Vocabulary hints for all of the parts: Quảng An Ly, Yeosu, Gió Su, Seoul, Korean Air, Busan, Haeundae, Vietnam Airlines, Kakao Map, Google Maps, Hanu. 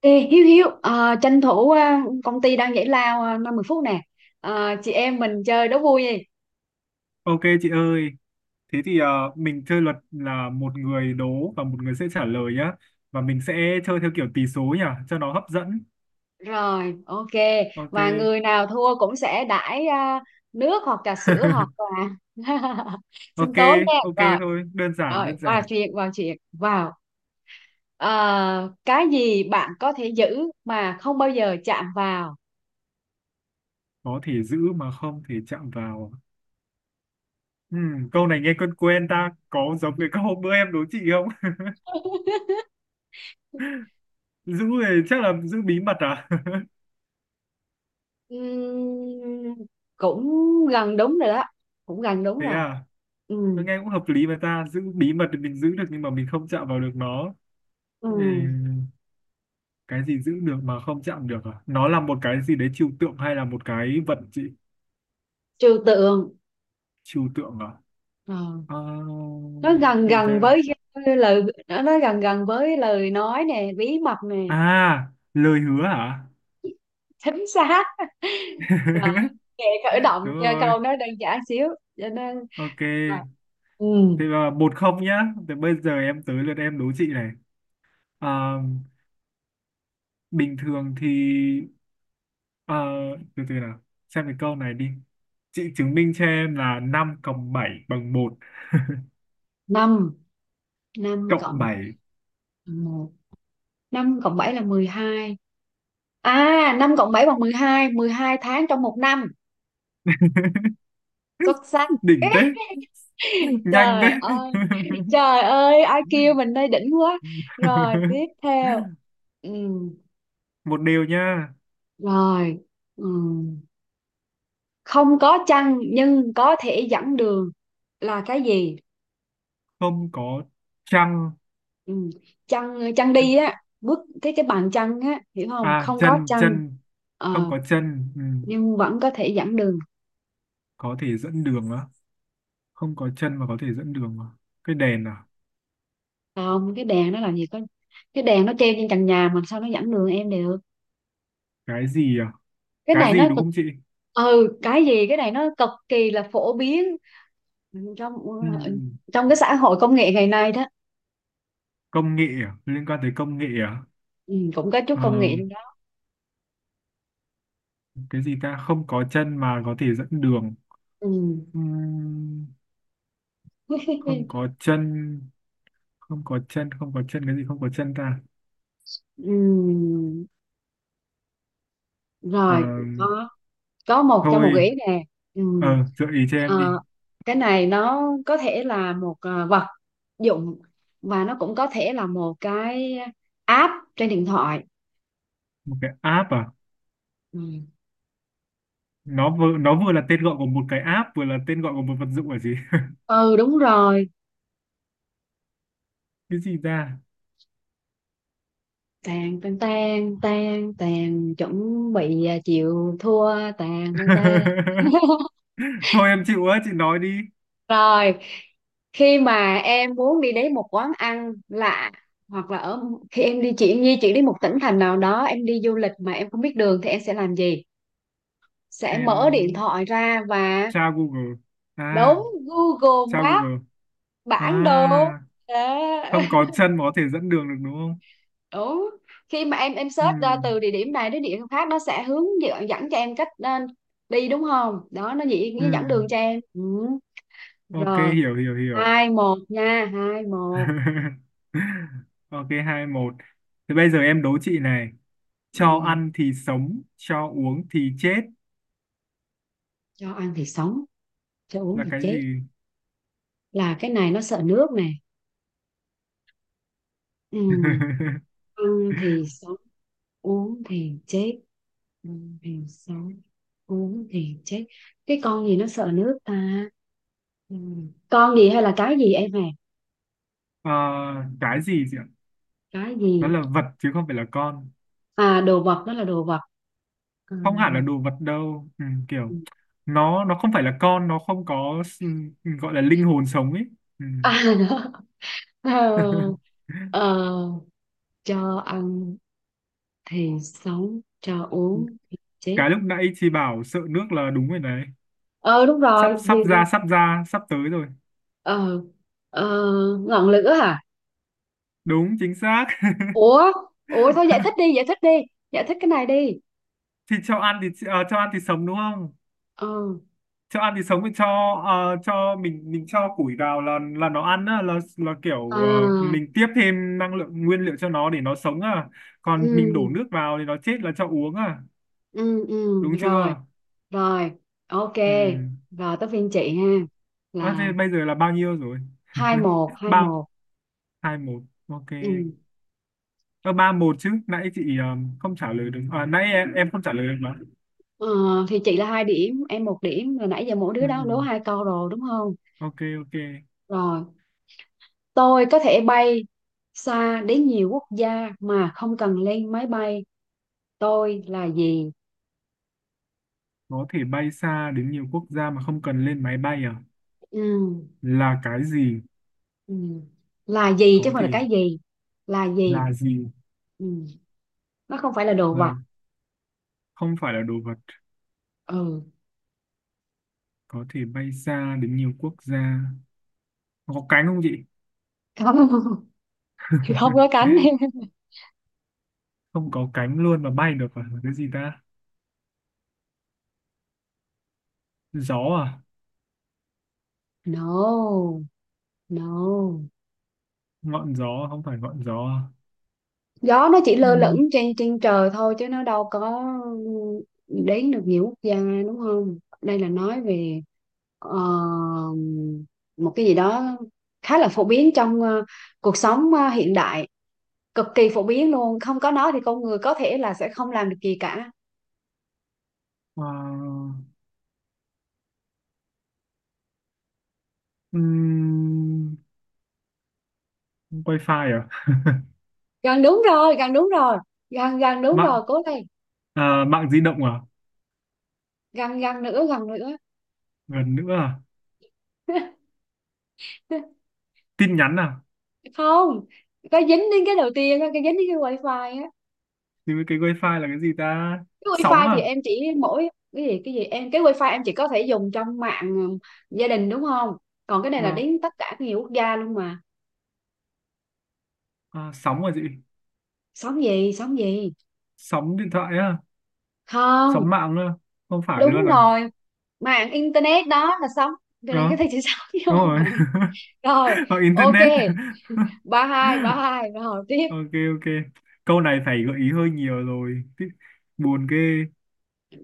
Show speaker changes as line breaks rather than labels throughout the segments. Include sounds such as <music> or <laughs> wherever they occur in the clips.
Ê, Hiếu Hiếu à, tranh thủ công ty đang giải lao 5-10 phút nè. Chị em mình chơi đố vui đi.
Ok chị ơi, thế thì mình chơi luật là một người đố và một người sẽ trả lời nhá. Và mình sẽ chơi theo kiểu tỷ số nhỉ, cho nó hấp dẫn.
Rồi, ok. Và
Ok.
người nào thua cũng sẽ đãi nước hoặc trà sữa hoặc
<laughs>
là <laughs> sinh
Ok,
tố nha.
ok
Rồi
thôi, đơn giản,
rồi,
đơn
qua
giản.
chuyện vào. Cái gì bạn có thể giữ mà không bao giờ chạm vào?
Có thể giữ mà không thể chạm vào. Câu này nghe quen quen ta, có giống với các hôm bữa em đố chị không? <laughs> Giữ thì chắc là giữ bí mật à?
Ừm, cũng gần đúng rồi đó, cũng gần
<laughs>
đúng
Thế
rồi.
à, nó
Ừm,
nghe cũng hợp lý mà ta, giữ bí mật thì mình giữ được nhưng mà mình không chạm vào được nó. Ừ.
ừm,
Cái gì giữ được mà không chạm được? À, nó là một cái gì đấy trừu tượng hay là một cái vật chị?
trừu tượng.
Trừu tượng à?
Ờ.
Ờ,
Nó gần
gì ta?
gần với lời nó gần gần với lời nói nè, bí mật nè.
À, lời hứa hả?
Chính xác. Rồi,
<laughs>
kệ, khởi động
Đúng
cho
rồi.
câu nó đơn giản xíu, cho nên
Ok,
là ừ,
thế là một không nhá. Thế bây giờ em tới lượt em đố chị này. Ờ, bình thường thì ờ, từ từ nào, xem cái câu này đi. Chị chứng minh cho em là 5 cộng bảy bằng một. <laughs>
năm. năm
Cộng
cộng
bảy.
một, năm cộng bảy là 12. À, năm cộng bảy bằng mười hai, 12 tháng trong một năm.
<laughs>
Xuất sắc.
Đỉnh thế. Nhanh thế.
Trời ơi, trời ơi, ai kêu mình đây, đỉnh quá. Rồi
<laughs>
tiếp
<laughs>
theo. ừ,
Một điều nha.
Rồi. Ừ. Không có chăn nhưng có thể dẫn đường là cái gì?
Không có trăng?
Ừ. Chăn, chăn đi á, bước cái bàn chăn á, hiểu không,
À,
không có
chân
chăn.
chân. Không
Ờ,
có chân. Ừ.
nhưng vẫn có thể dẫn đường.
Có thể dẫn đường á? Không có chân mà có thể dẫn đường à? Cái đèn à?
Không, cái đèn nó làm gì có, cái đèn nó treo trên trần nhà mà sao nó dẫn đường em được.
Cái gì à?
Cái
Cái
này
gì
nó
đúng
cực.
không chị?
Ừ, cái gì, cái này nó cực kỳ là phổ biến trong
Ừ.
trong cái xã hội công nghệ ngày nay đó.
Công nghệ à? Liên quan tới công nghệ à?
Ừ, cũng có chút
Ờ,
công nghệ trong đó.
cái gì ta, không có chân mà có thể dẫn đường.
ừ.
Ừ. Không
<laughs>
có chân. Không có chân không có chân, cái gì không có chân ta?
ừ.
Ờ,
Rồi, có có một gợi
thôi.
ý nè. Ừ.
Ờ, gợi ý cho em đi.
Ờ, cái này nó có thể là một vật dụng, và nó cũng có thể là một cái app trên điện thoại.
Một cái app à?
ừ,
Nó vừa là tên gọi của một cái app, vừa là tên gọi của một vật dụng là gì? <laughs>
ừ đúng rồi.
Cái gì ra?
Tàn tàn tàn tàn tàn, chuẩn bị chịu thua. Tàn tàn tàn.
<laughs>
<laughs>
Thôi em chịu á, chị nói đi.
Rồi, khi mà em muốn đi đến một quán ăn lạ, hoặc là ở khi em đi, chị di chuyển đến một tỉnh thành nào đó, em đi du lịch mà em không biết đường thì em sẽ làm gì? Sẽ mở điện
Em
thoại ra và
tra Google.
đóng
À,
Google
tra
Maps,
Google.
bản đồ
À,
đó.
không có
<laughs>
chân mà có thể dẫn đường được đúng không?
Đúng, khi mà em
Ừ,
search ra từ địa điểm này đến địa điểm khác, nó sẽ hướng dẫn, dẫn cho em cách đi đúng không đó, nó chỉ, nó dẫn
ừ.
đường cho em. Ừ.
Ok,
Rồi,
hiểu hiểu hiểu.
2-1 nha, 2-1.
<laughs> Ok, hai một. Thế bây giờ em đố chị này.
Ừ.
Cho ăn thì sống, cho uống thì chết
Cho ăn thì sống, cho uống
là
thì
cái
chết,
gì?
là cái này nó sợ nước nè. Ừ.
<laughs>
Ăn thì sống, uống thì chết, ăn thì sống, uống thì chết. Cái con gì nó sợ nước ta? Ừ. Con gì hay là cái gì em à?
Ờ, cái gì chị ạ?
Cái
Nó
gì?
là vật chứ không phải là con.
À, đồ vật đó, là đồ vật. Ừ.
Không hẳn là đồ vật đâu. Ừ, kiểu nó không phải là con, nó không có gọi là linh hồn sống ấy. Ừ.
<laughs> À đó. Ờ,
<laughs>
ờ, cho ăn thì sống, cho uống thì chết.
Cái lúc nãy chị bảo sợ nước là đúng rồi đấy.
Ờ đúng
Sắp
rồi thì
sắp ra, sắp ra, sắp tới rồi.
ờ ờ, ngọn lửa hả?
Đúng, chính xác. <laughs>
Ủa, ủa thôi giải thích đi, giải thích đi. Giải thích cái này đi.
Thì cho ăn thì sống đúng không?
Ờ.
Cho ăn thì sống thì cho mình cho củi vào là nó ăn á, là kiểu
À,
mình tiếp thêm năng lượng nguyên liệu cho nó để nó sống à, còn mình đổ
ừ,
nước vào thì nó chết là cho uống à.
ừ,
Đúng
rồi.
chưa?
Rồi, ok.
Ừ.
Rồi tới phiên chị ha.
À, thế
Là
bây giờ là bao nhiêu rồi?
hai
<laughs>
một, hai
Ba
một.
hai một, ok.
Ừ.
Ờ, ba một chứ, nãy chị không trả lời được à, nãy em không trả lời được mà.
Ờ, thì chị là 2 điểm, em 1 điểm. Rồi nãy giờ mỗi đứa
Ừ,
đó
ừ.
đố 2 câu rồi đúng không?
Ok ok.
Rồi, tôi có thể bay xa đến nhiều quốc gia mà không cần lên máy bay. Tôi là gì?
Có thể bay xa đến nhiều quốc gia mà không cần lên máy bay à?
Ừ.
Là cái gì?
Ừ. Là gì chứ
Có
không phải là
thể.
cái gì? Là gì?
Là gì?
Ừ. Nó không phải là đồ vật.
Là. Không phải là đồ vật.
Ừ.
Có thể bay xa đến nhiều quốc gia. Nó có cánh không chị?
Không, <laughs> không có
<laughs>
cánh. <laughs>
Không có cánh luôn mà bay được à? Là cái gì ta? Gió à?
No, no.
Ngọn gió, không phải ngọn gió à?
Gió nó chỉ lơ lửng
Ừm,
trên trên trời thôi chứ nó đâu có đến được nhiều quốc gia, đúng không, đây là nói về ờ, một cái gì đó khá là phổ biến trong cuộc sống hiện đại, cực kỳ phổ biến luôn, không có nó thì con người có thể là sẽ không làm được gì cả.
à, ừm, wifi à?
Gần đúng rồi, gần đúng rồi, gần gần đúng
Mạng
rồi, cố lên.
à? Mạng di động à?
Gần gần nữa, gần nữa.
Gần nữa à?
<laughs>
Tin nhắn à?
Không, có dính đến cái đầu tiên á, cái dính đến cái wifi á.
Thì cái wifi là cái gì ta?
Cái
Sóng
wifi thì
à?
em chỉ mỗi, cái gì, cái gì em, cái wifi em chỉ có thể dùng trong mạng, ừ, gia đình đúng không, còn cái này là
Vâng.
đến tất cả nhiều quốc gia luôn mà.
À, sóng à chị?
Sóng gì, sóng gì?
Sóng điện thoại á? Sóng
Không.
mạng á? Không phải
Đúng
luôn à?
rồi, mạng internet đó là sóng, cho nên cái
Đó,
này chỉ <laughs> sóng,
đúng
vô
rồi.
mạng. Rồi,
<laughs> Hoặc
ok,
internet.
ba hai, ba
<laughs>
hai rồi tiếp.
Ok ok. Câu này phải gợi ý hơi nhiều rồi. Buồn ghê.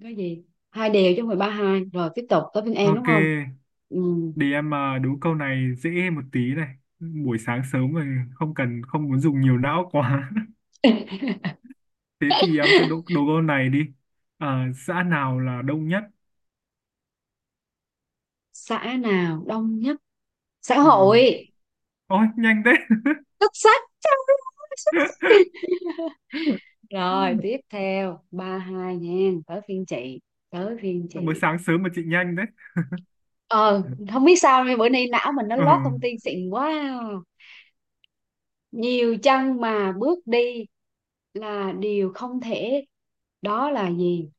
Cái gì, hai đều chứ không phải 3-2, rồi tiếp tục tới bên em đúng
Ok.
không. Ừ.
Để em mà đố câu này dễ một tí này. Buổi sáng sớm rồi, không cần không muốn dùng nhiều não quá. <laughs>
<laughs>
Thế thì em sẽ đố câu này đi. À, xã nào là đông nhất?
Xã nào đông nhất? Xã
Ừ.
hội.
Ôi nhanh thế.
Xuất sắc, trời ơi, xuất sắc.
<laughs>
Rồi tiếp theo, 3-2 nha, tới phiên chị, tới phiên
Mới
chị.
sáng sớm mà chị nhanh đấy.
Ờ, không biết sao nay, bữa nay não mình nó
Ờ,
lót thông tin xịn quá. Nhiều chân mà bước đi là điều không thể, đó là gì?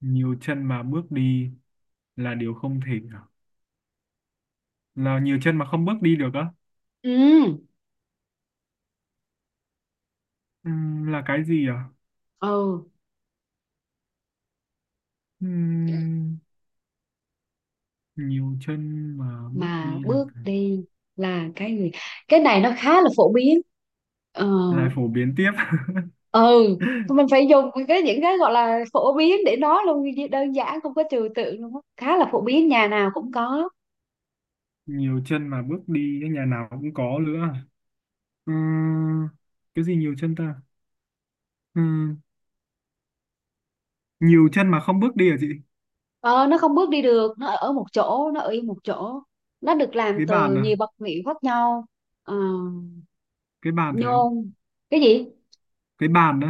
nhiều chân mà bước đi là điều không thể à? Là nhiều chân mà không bước đi được á?
ừ
Là cái gì à?
ừ
Ừm, nhiều chân mà bước
mà
đi là
bước đi là cái gì, cái này nó khá là phổ biến. ờ
lại phổ biến tiếp. <laughs>
ừ, mình phải dùng cái, những cái gọi là phổ biến để nói luôn, đơn giản không có trừu tượng luôn á, khá là phổ biến, nhà nào cũng có.
Nhiều chân mà bước đi, cái nhà nào cũng có nữa. Ừm, cái gì nhiều chân ta? Ừm, nhiều chân mà không bước đi à chị?
Ờ, nó không bước đi được, nó ở một chỗ, nó ở yên một chỗ. Nó được làm
Cái bàn
từ
à?
nhiều vật liệu khác nhau. Ờ,
Cái bàn phải không?
nhôm, cái gì?
Cái bàn đó.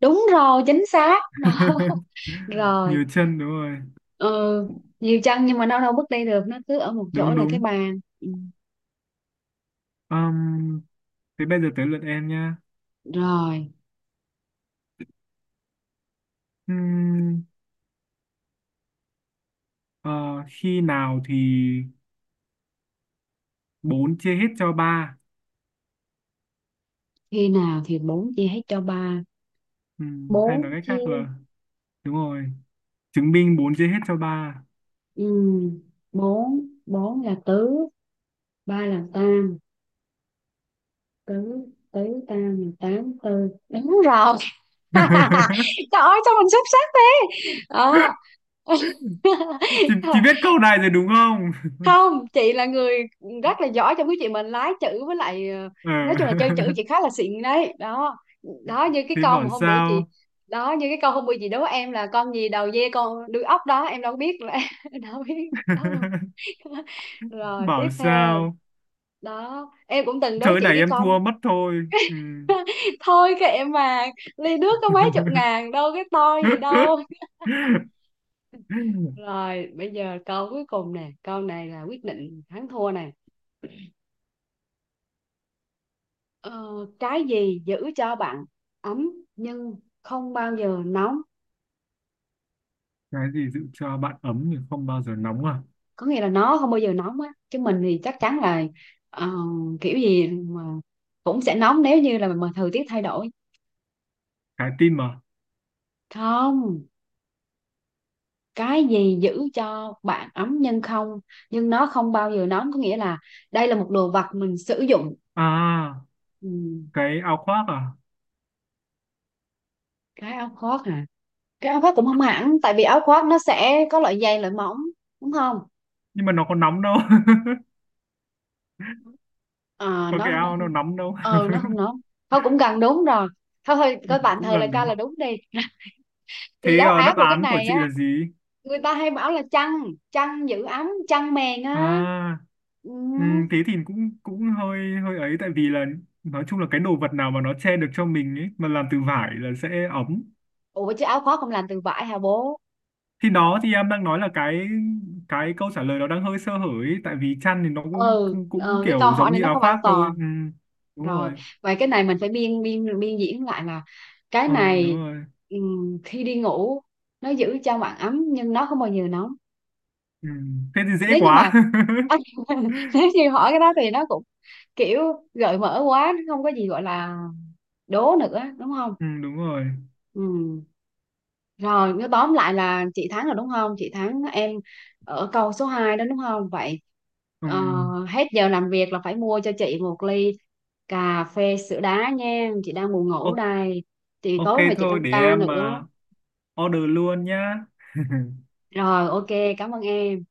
Đúng rồi, chính xác. Đó. <laughs>
<laughs>
Rồi,
Nhiều chân đúng rồi.
ừ, nhiều chân nhưng mà nó đâu bước đi được, nó cứ ở một chỗ,
Đúng
là cái
đúng.
bàn. Ừ.
Ừm, thế bây giờ tới lượt em nha.
Rồi,
Ừm, ờ, khi nào thì bốn chia hết cho ba?
khi nào thì bốn chia hết cho ba?
Hay nói
Bốn
cách khác
chia,
là, đúng rồi, chứng minh 4 chia hết cho ba.
ừ, bốn, bốn là tứ, ba là tam, tứ, tứ tam là tám, tư. Đúng rồi.
<laughs>
Trời ơi sao mình xuất sắc thế đó.
Chị biết
<laughs>
câu này rồi đúng không?
Không, chị là người rất là giỏi trong cái chuyện mình lái chữ với lại
Ờ.
nói chung là chơi chữ, chị khá là xịn đấy đó. Đó như
<laughs>
cái
Thế
câu mà
bảo
hôm bữa chị
sao.
Đó, như cái câu hôm bữa chị đố em là con gì đầu dê con đuôi ốc đó, em đâu biết là <laughs> đâu biết đó đâu.
<laughs>
<laughs> Rồi tiếp
Bảo
theo,
sao,
đó, em cũng từng
thế
đố chị
này
cái
em
con.
thua mất thôi. Ừ.
<laughs> Thôi kệ mà, ly nước có mấy chục
<laughs>
ngàn đâu, cái to gì đâu. Rồi, bây giờ câu cuối cùng nè, câu này là quyết định thắng thua nè. Ờ, cái gì giữ cho bạn ấm nhưng không bao giờ nóng?
Cái gì giữ cho bạn ấm nhưng không bao giờ nóng à?
Có nghĩa là nó không bao giờ nóng á, chứ mình thì chắc chắn là ờ, kiểu gì mà cũng sẽ nóng nếu như là mà thời tiết thay đổi.
Trái tim à?
Không, cái gì giữ cho bạn ấm nhưng không, nhưng nó không bao giờ nóng, có nghĩa là đây là một đồ vật mình sử dụng.
À,
Ừ,
cái áo khoác à?
cái áo khoác hả? Cái áo khoác cũng không hẳn, tại vì áo khoác nó sẽ có loại dày loại mỏng, đúng không.
Nhưng mà nó có nóng đâu. <laughs>
Ờ,
Có cái
nó
áo
không,
nó nóng đâu.
ờ nó không nó thôi cũng gần đúng rồi, thôi thôi coi
<laughs>
tạm
Cũng
thời là
gần đúng
cho là
không?
đúng đi. <laughs> Thì
Thế
đáp án
đáp
của cái
án của
này
chị
á,
là gì?
người ta hay bảo là chăn, chăn giữ ấm, chăn mền á.
À.
Ừ.
Ừ, thế thì cũng cũng hơi hơi ấy, tại vì là nói chung là cái đồ vật nào mà nó che được cho mình ấy mà làm từ vải là sẽ ấm.
Ủa chứ áo khoác không làm từ vải hả bố.
Thì đó thì em đang nói là cái câu trả lời nó đang hơi sơ hở ấy, tại vì chăn thì nó cũng
Ừ
cũng, cũng
ờ, cái câu
kiểu
hỏi
giống
này
như
nó
áo
không an
khoác
toàn.
thôi. Ừ, đúng
Rồi,
rồi.
vậy cái này mình phải biên biên biên diễn lại là, cái
Ờ đúng
này,
rồi.
khi đi ngủ nó giữ cho bạn ấm nhưng nó không bao giờ nóng.
Ừ. Thế thì dễ
Nếu như mà
quá. <laughs>
<laughs> nếu như hỏi cái đó thì nó cũng kiểu gợi mở quá, nó không có gì gọi là đố nữa đúng không.
Ừ, đúng rồi.
Ừ. Rồi, nếu tóm lại là chị thắng rồi đúng không? Chị thắng em ở câu số 2 đó đúng không? Vậy
Ừ.
ờ, hết giờ làm việc là phải mua cho chị một ly cà phê sữa đá nha. Chị đang buồn ngủ
O-
đây. Chị
ok
tối nay chị
thôi,
tăng
để
ca
em
nữa.
mà order luôn nhá. <laughs>
Rồi, ok, cảm ơn em.